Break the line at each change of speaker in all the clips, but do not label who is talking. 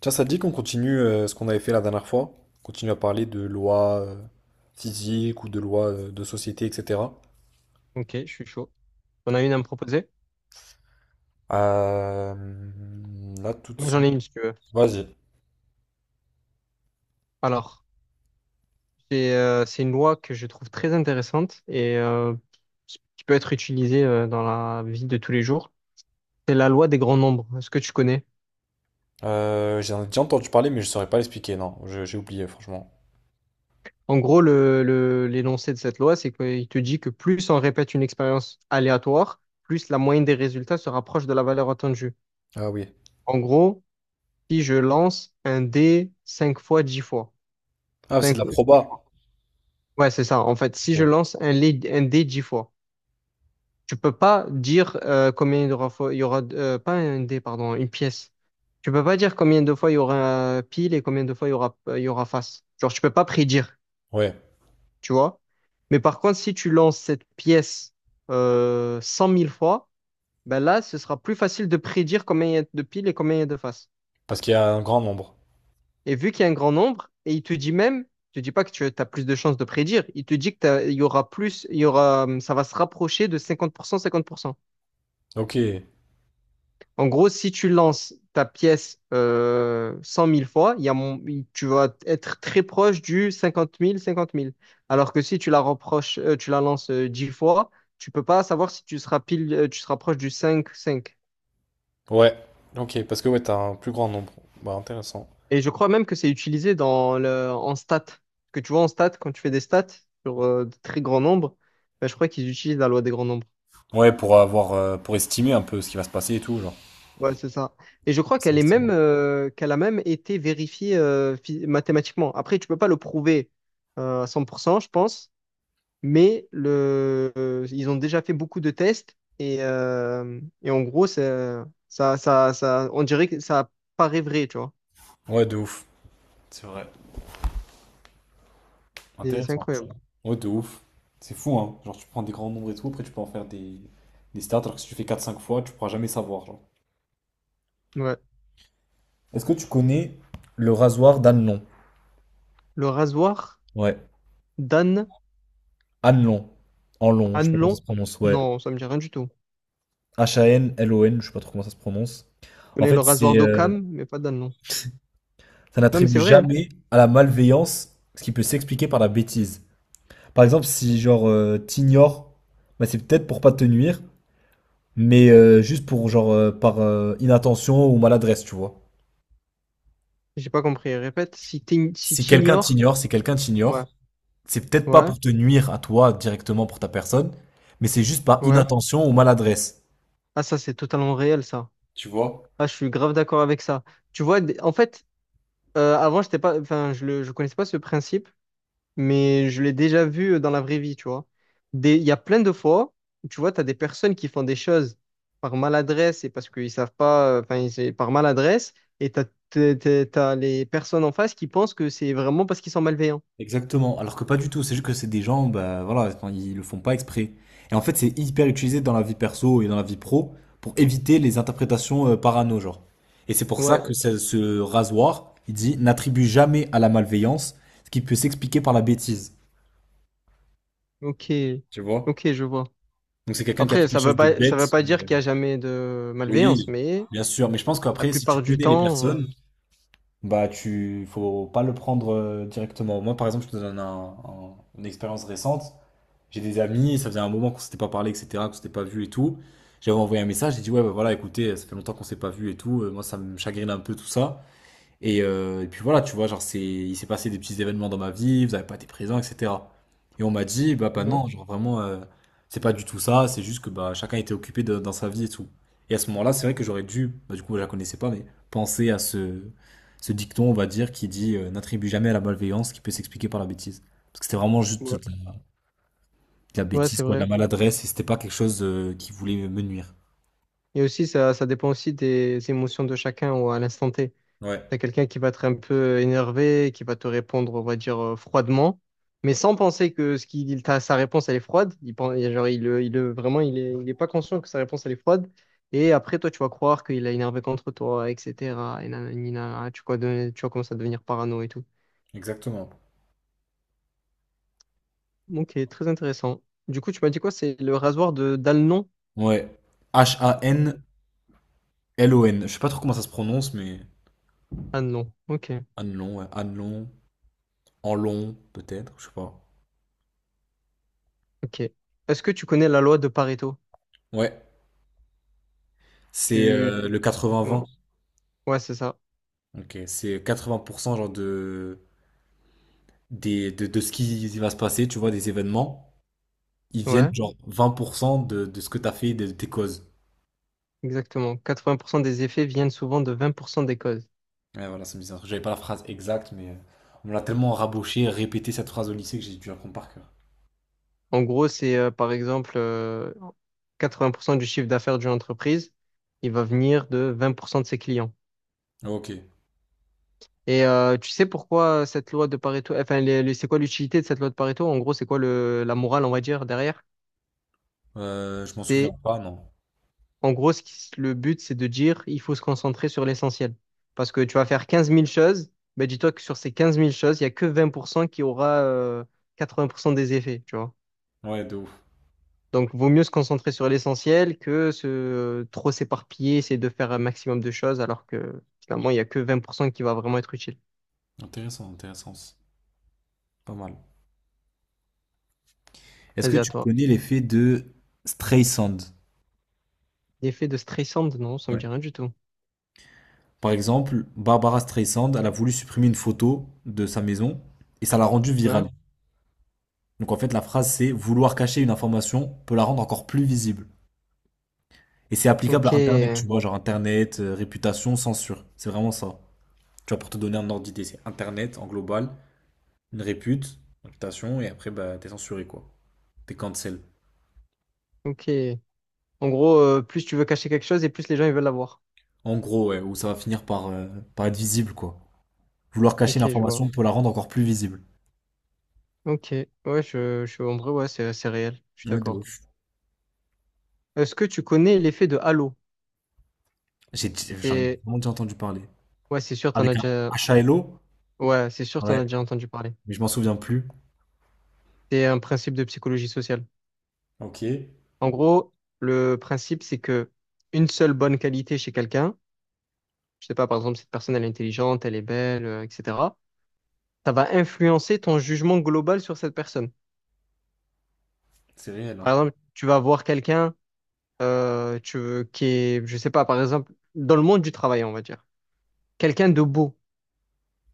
Tiens, ça te dit qu'on continue ce qu'on avait fait la dernière fois? On continue à parler de lois physiques ou de lois de société, etc.
Ok, je suis chaud. On a une à me proposer?
Euh, Là, tout de
Moi, ouais, j'en
suite.
ai une si tu veux.
Vas-y.
Alors, c'est une loi que je trouve très intéressante et qui peut être utilisée dans la vie de tous les jours. C'est la loi des grands nombres. Est-ce que tu connais?
J'en ai déjà entendu parler, mais je saurais pas l'expliquer. Non, j'ai oublié, franchement.
En gros, l'énoncé de cette loi, c'est qu'il te dit que plus on répète une expérience aléatoire, plus la moyenne des résultats se rapproche de la valeur attendue.
Ah oui.
En gros, si je lance un dé 5 fois 10 fois.
Ah, c'est de la
5 10
proba.
fois. Ouais, c'est ça. En fait, si je
Ok.
lance un dé 10 fois. Tu peux pas dire combien il y aura pas un dé, pardon, une pièce. Tu peux pas dire combien de fois il y aura pile et combien de fois il y aura face. Genre, tu peux pas prédire,
Ouais.
tu vois. Mais par contre, si tu lances cette pièce 100 000 fois, ben là, ce sera plus facile de prédire combien il y a de piles et combien il y a de faces.
Parce qu'il y a un grand nombre.
Et vu qu'il y a un grand nombre, et il te dit même, il te dit pas que tu as plus de chances de prédire, il te dit que il y aura plus, il y aura, ça va se rapprocher de cinquante cinquante pour cent, 50%.
Ok.
En gros, si tu lances ta pièce 100 000 fois, il y a mon- il- tu vas être très proche du 50 000, 50 000. Alors que si tu la reproches, tu la lances 10 fois, tu peux pas savoir si tu seras pile, tu seras proche du 5 5.
Ouais. Ok. Parce que ouais, t'as un plus grand nombre. Bah, intéressant.
Et je crois même que c'est utilisé en stats. Que tu vois en stats, quand tu fais des stats sur de très grands nombres, ben, je crois qu'ils utilisent la loi des grands nombres.
Ouais, pour avoir, pour estimer un peu ce qui va se passer et tout, genre.
Ouais, c'est ça. Et je crois
C'est estimé.
qu'elle a même été vérifiée mathématiquement. Après, tu peux pas le prouver à 100%, je pense, mais ils ont déjà fait beaucoup de tests et en gros, on dirait que ça paraît vrai, tu vois.
Ouais, de ouf.
Et c'est
Intéressant.
incroyable.
Ouais, de ouf. C'est fou, hein. Genre, tu prends des grands nombres et tout, après, tu peux en faire des stats, alors que si tu fais quatre cinq fois, tu pourras jamais savoir, genre.
Ouais.
Est-ce que tu connais le rasoir d'Anlon?
Le rasoir
Ouais,
d'Anne,
Anlon. En long, je sais pas comment ça se
Anelon?
prononce. Ouais,
Non, ça me dit rien du tout.
H-A-N-L-O-N, je sais pas trop comment ça se prononce.
Je
En
connais le
fait,
rasoir
c'est
d'Occam, mais pas d'Anelon.
ça
Non, mais
n'attribue
c'est vrai, hein.
jamais à la malveillance ce qui peut s'expliquer par la bêtise. Par exemple, si t'ignores, bah, c'est peut-être pour pas te nuire, mais juste pour par inattention ou maladresse, tu vois.
J'ai pas compris. Répète, si
Si quelqu'un
t'ignores.
t'ignore, si quelqu'un
Ouais,
t'ignore, c'est peut-être pas
ouais.
pour te nuire à toi directement pour ta personne, mais c'est juste par
Ouais.
inattention ou maladresse.
Ah, ça, c'est totalement réel, ça.
Tu vois?
Ah, je suis grave d'accord avec ça. Tu vois, en fait, avant, j'étais pas, enfin, je connaissais pas ce principe, mais je l'ai déjà vu dans la vraie vie, tu vois. Il y a plein de fois où, tu vois, tu as des personnes qui font des choses par maladresse et parce qu'ils savent pas, enfin, c'est par maladresse, et t'as les personnes en face qui pensent que c'est vraiment parce qu'ils sont malveillants.
Exactement. Alors que pas du tout, c'est juste que c'est des gens, bah voilà, enfin, ils le font pas exprès. Et en fait, c'est hyper utilisé dans la vie perso et dans la vie pro pour éviter les interprétations parano, genre. Et c'est pour ça
Ouais,
que ce rasoir, il dit, n'attribue jamais à la malveillance ce qui peut s'expliquer par la bêtise.
ok,
Tu vois?
ok, je vois.
Donc c'est quelqu'un qui a fait
Après,
quelque
ça veut
chose de
pas, ça
bête,
veut pas
mais
dire
euh,
qu'il y a jamais de malveillance,
Oui,
mais
bien sûr, mais je pense
la
qu'après, si tu
plupart du
connais les
temps.
personnes, bah tu faut pas le prendre directement. Moi, par exemple, je te donne une expérience récente. J'ai des amis, ça faisait un moment qu'on s'était pas parlé, etc., qu'on s'était pas vu et tout. J'avais envoyé un message, j'ai dit ouais, bah voilà, écoutez, ça fait longtemps qu'on s'est pas vu et tout. Moi, ça me chagrine un peu tout ça. Et puis voilà, tu vois, il s'est passé des petits événements dans ma vie, vous n'avez pas été présents, etc. Et on m'a dit, bah
euh,
non, genre vraiment, c'est pas du tout ça, c'est juste que bah, chacun était occupé dans sa vie et tout. Et à ce moment-là, c'est vrai que j'aurais dû, bah, du coup, je la connaissais pas, mais penser à ce dicton, on va dire, qui dit n'attribue jamais à la malveillance qui peut s'expliquer par la bêtise. Parce que c'était vraiment juste
Ouais,
de la
ouais,
bêtise,
c'est
quoi, de la
vrai.
maladresse, et c'était pas quelque chose qui voulait me nuire.
Et aussi, ça dépend aussi des émotions de chacun ou à l'instant T.
Ouais,
T'as quelqu'un qui va être un peu énervé, qui va te répondre, on va dire, froidement, mais sans penser que sa réponse, elle est froide. Il pense, genre, vraiment, il est pas conscient que sa réponse, elle est froide. Et après, toi, tu vas croire qu'il a énervé contre toi, etc. Et nanani, nanana. Tu vas commencer à devenir parano et tout.
exactement.
Ok, très intéressant. Du coup, tu m'as dit quoi? C'est le rasoir de d'Alnon?
Ouais. H-A-N-L-O-N. Je sais pas trop comment ça se prononce, mais.
Alnon. Ok,
Annelon, ouais. Annelon, Enlon, peut-être, je sais pas.
ok. Est-ce que tu connais la loi de Pareto?
Ouais, c'est
Tu...
le
Ouais,
80-20.
ouais, c'est ça.
Ok, c'est 80% de ce qui va se passer, tu vois, des événements. Ils viennent
Ouais,
genre 20% de ce que t'as fait, de tes causes.
exactement. 80% des effets viennent souvent de 20% des causes.
Ouais, voilà, c'est bizarre. J'avais pas la phrase exacte, mais on me l'a tellement raboché, répété cette phrase au lycée que j'ai dû apprendre par cœur.
En gros, c'est par exemple 80% du chiffre d'affaires d'une entreprise, il va venir de 20% de ses clients.
Ok.
Et tu sais pourquoi cette loi de Pareto, enfin, c'est quoi l'utilité de cette loi de Pareto? En gros, c'est quoi la morale, on va dire, derrière?
Je m'en souviens
C'est
pas, non.
En gros, le but, c'est de dire, il faut se concentrer sur l'essentiel. Parce que tu vas faire quinze mille choses, mais dis-toi que sur ces quinze mille choses, il n'y a que 20% qui aura 80% des effets, tu vois.
Ouais, de ouf.
Donc, vaut mieux se concentrer sur l'essentiel que se trop s'éparpiller, essayer de faire un maximum de choses, alors que finalement, il n'y a que 20% qui va vraiment être utile.
Intéressant, intéressant. C'est pas mal. Est-ce que
Vas-y, à
tu
toi.
connais l'effet de Streisand?
L'effet de stressante, non, ça me
Ouais.
dit rien du tout.
Par exemple, Barbara Streisand, elle a voulu supprimer une photo de sa maison et ça l'a rendue
Ouais.
virale. Donc en fait, la phrase c'est vouloir cacher une information peut la rendre encore plus visible. Et c'est applicable
Ok,
à Internet, tu vois, genre Internet, réputation, censure. C'est vraiment ça. Tu vois, pour te donner un ordre d'idée, c'est Internet en global, une répute, réputation, et après, bah, t'es censuré, quoi. T'es cancel.
ok. En gros, plus tu veux cacher quelque chose et plus les gens ils veulent l'avoir.
En gros, ouais, où ça va finir par, par être visible, quoi. Vouloir cacher
Ok, je vois.
l'information peut la rendre encore plus visible.
Ok, ouais, en vrai, ouais, c'est réel, je suis
Ouais, de
d'accord.
ouf.
Est-ce que tu connais l'effet de halo?
J'ai, j'en ai
C'est,
vraiment déjà entendu parler.
ouais, c'est sûr, t'en as
Avec un
déjà,
H A L O?
ouais, c'est sûr, t'en
Ouais,
as déjà entendu parler.
mais je m'en souviens plus.
C'est un principe de psychologie sociale.
Ok,
En gros, le principe, c'est que une seule bonne qualité chez quelqu'un, je sais pas, par exemple, cette personne, elle est intelligente, elle est belle, etc., ça va influencer ton jugement global sur cette personne.
c'est réel, hein.
Par exemple, tu vas voir quelqu'un, euh, tu, qui est, je sais pas, par exemple, dans le monde du travail, on va dire, quelqu'un de beau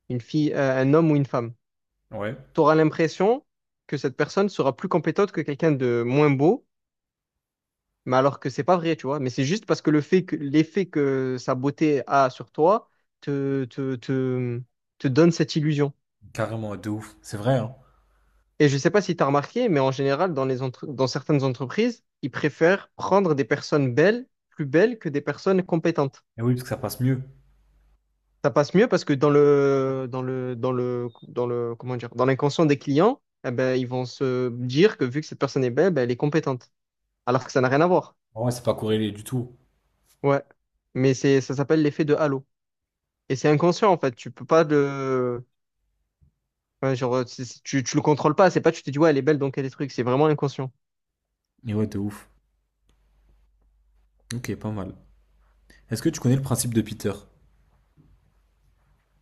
une fille, un homme ou une femme.
Ouais,
Tu auras l'impression que cette personne sera plus compétente que quelqu'un de moins beau, mais alors que c'est pas vrai, tu vois. Mais c'est juste parce que le fait que l'effet que sa beauté a sur toi te, te, te, te donne cette illusion.
carrément, de ouf. C'est vrai, hein.
Et je sais pas si tu as remarqué, mais en général, dans certaines entreprises, ils préfèrent prendre des personnes belles, plus belles que des personnes compétentes.
Et oui, parce que ça passe mieux.
Ça passe mieux parce que comment dire, dans l'inconscient des clients, eh ben, ils vont se dire que vu que cette personne est belle, ben, elle est compétente. Alors que ça n'a rien à voir.
Ouais, c'est pas corrélé du tout.
Ouais. Mais c'est, ça s'appelle l'effet de halo. Et c'est inconscient, en fait. Tu peux pas ouais, genre, tu le contrôles pas. C'est pas, tu te dis, ouais, elle est belle, donc elle est truc. C'est vraiment inconscient.
Mais ouais, de ouf. Ok, pas mal. Est-ce que tu connais le principe de Peter?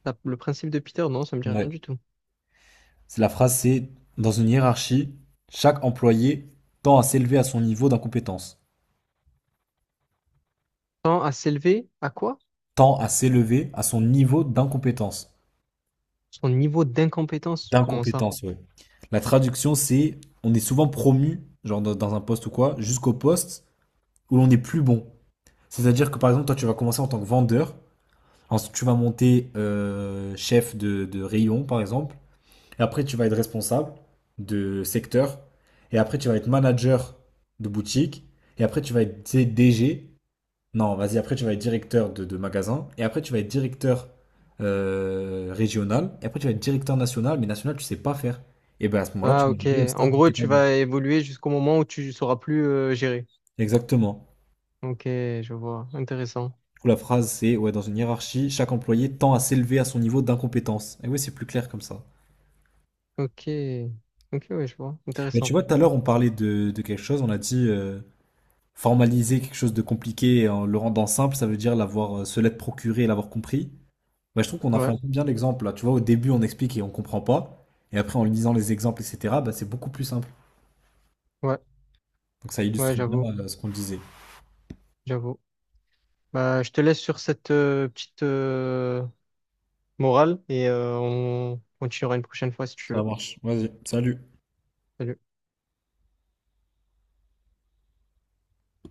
Le principe de Peter, non, ça me dit
Ouais.
rien du tout.
C'est la phrase, c'est dans une hiérarchie, chaque employé tend à s'élever à son niveau d'incompétence.
Tend à s'élever à quoi?
Tend à s'élever à son niveau d'incompétence.
Son niveau d'incompétence. Comment ça?
D'incompétence, ouais. La traduction, c'est on est souvent promu, genre dans un poste ou quoi, jusqu'au poste où l'on est plus bon. C'est-à-dire que par exemple, toi, tu vas commencer en tant que vendeur, ensuite tu vas monter chef de rayon, par exemple, et après tu vas être responsable de secteur, et après tu vas être manager de boutique, et après tu vas être DG, non, vas-y, après tu vas être directeur de magasin, et après tu vas être directeur régional, et après tu vas être directeur national, mais national, tu sais pas faire. Et bien à ce moment-là, tu
Ah,
vas
ok.
arriver au
En
stade où
gros,
t'es pas
tu
bon.
vas évoluer jusqu'au moment où tu sauras plus gérer.
Exactement.
Ok, je vois. Intéressant.
Du coup, la phrase, c'est ouais, dans une hiérarchie, chaque employé tend à s'élever à son niveau d'incompétence. Et oui, c'est plus clair comme ça.
Ok. Ok, ouais, je vois.
Mais tu
Intéressant.
vois, tout à l'heure, on parlait de quelque chose, on a dit formaliser quelque chose de compliqué en le rendant simple, ça veut dire l'avoir, se l'être procuré et l'avoir compris. Bah, je trouve qu'on a fait
Ouais,
un peu bien l'exemple là. Tu vois, au début, on explique et on comprend pas. Et après, en lisant les exemples, etc., bah, c'est beaucoup plus simple.
ouais,
Donc ça
ouais,
illustre bien
j'avoue,
ce qu'on disait.
j'avoue. Bah, je te laisse sur cette petite morale et on continuera une prochaine fois si tu
Ça
veux.
marche. Vas-y, salut.
Salut.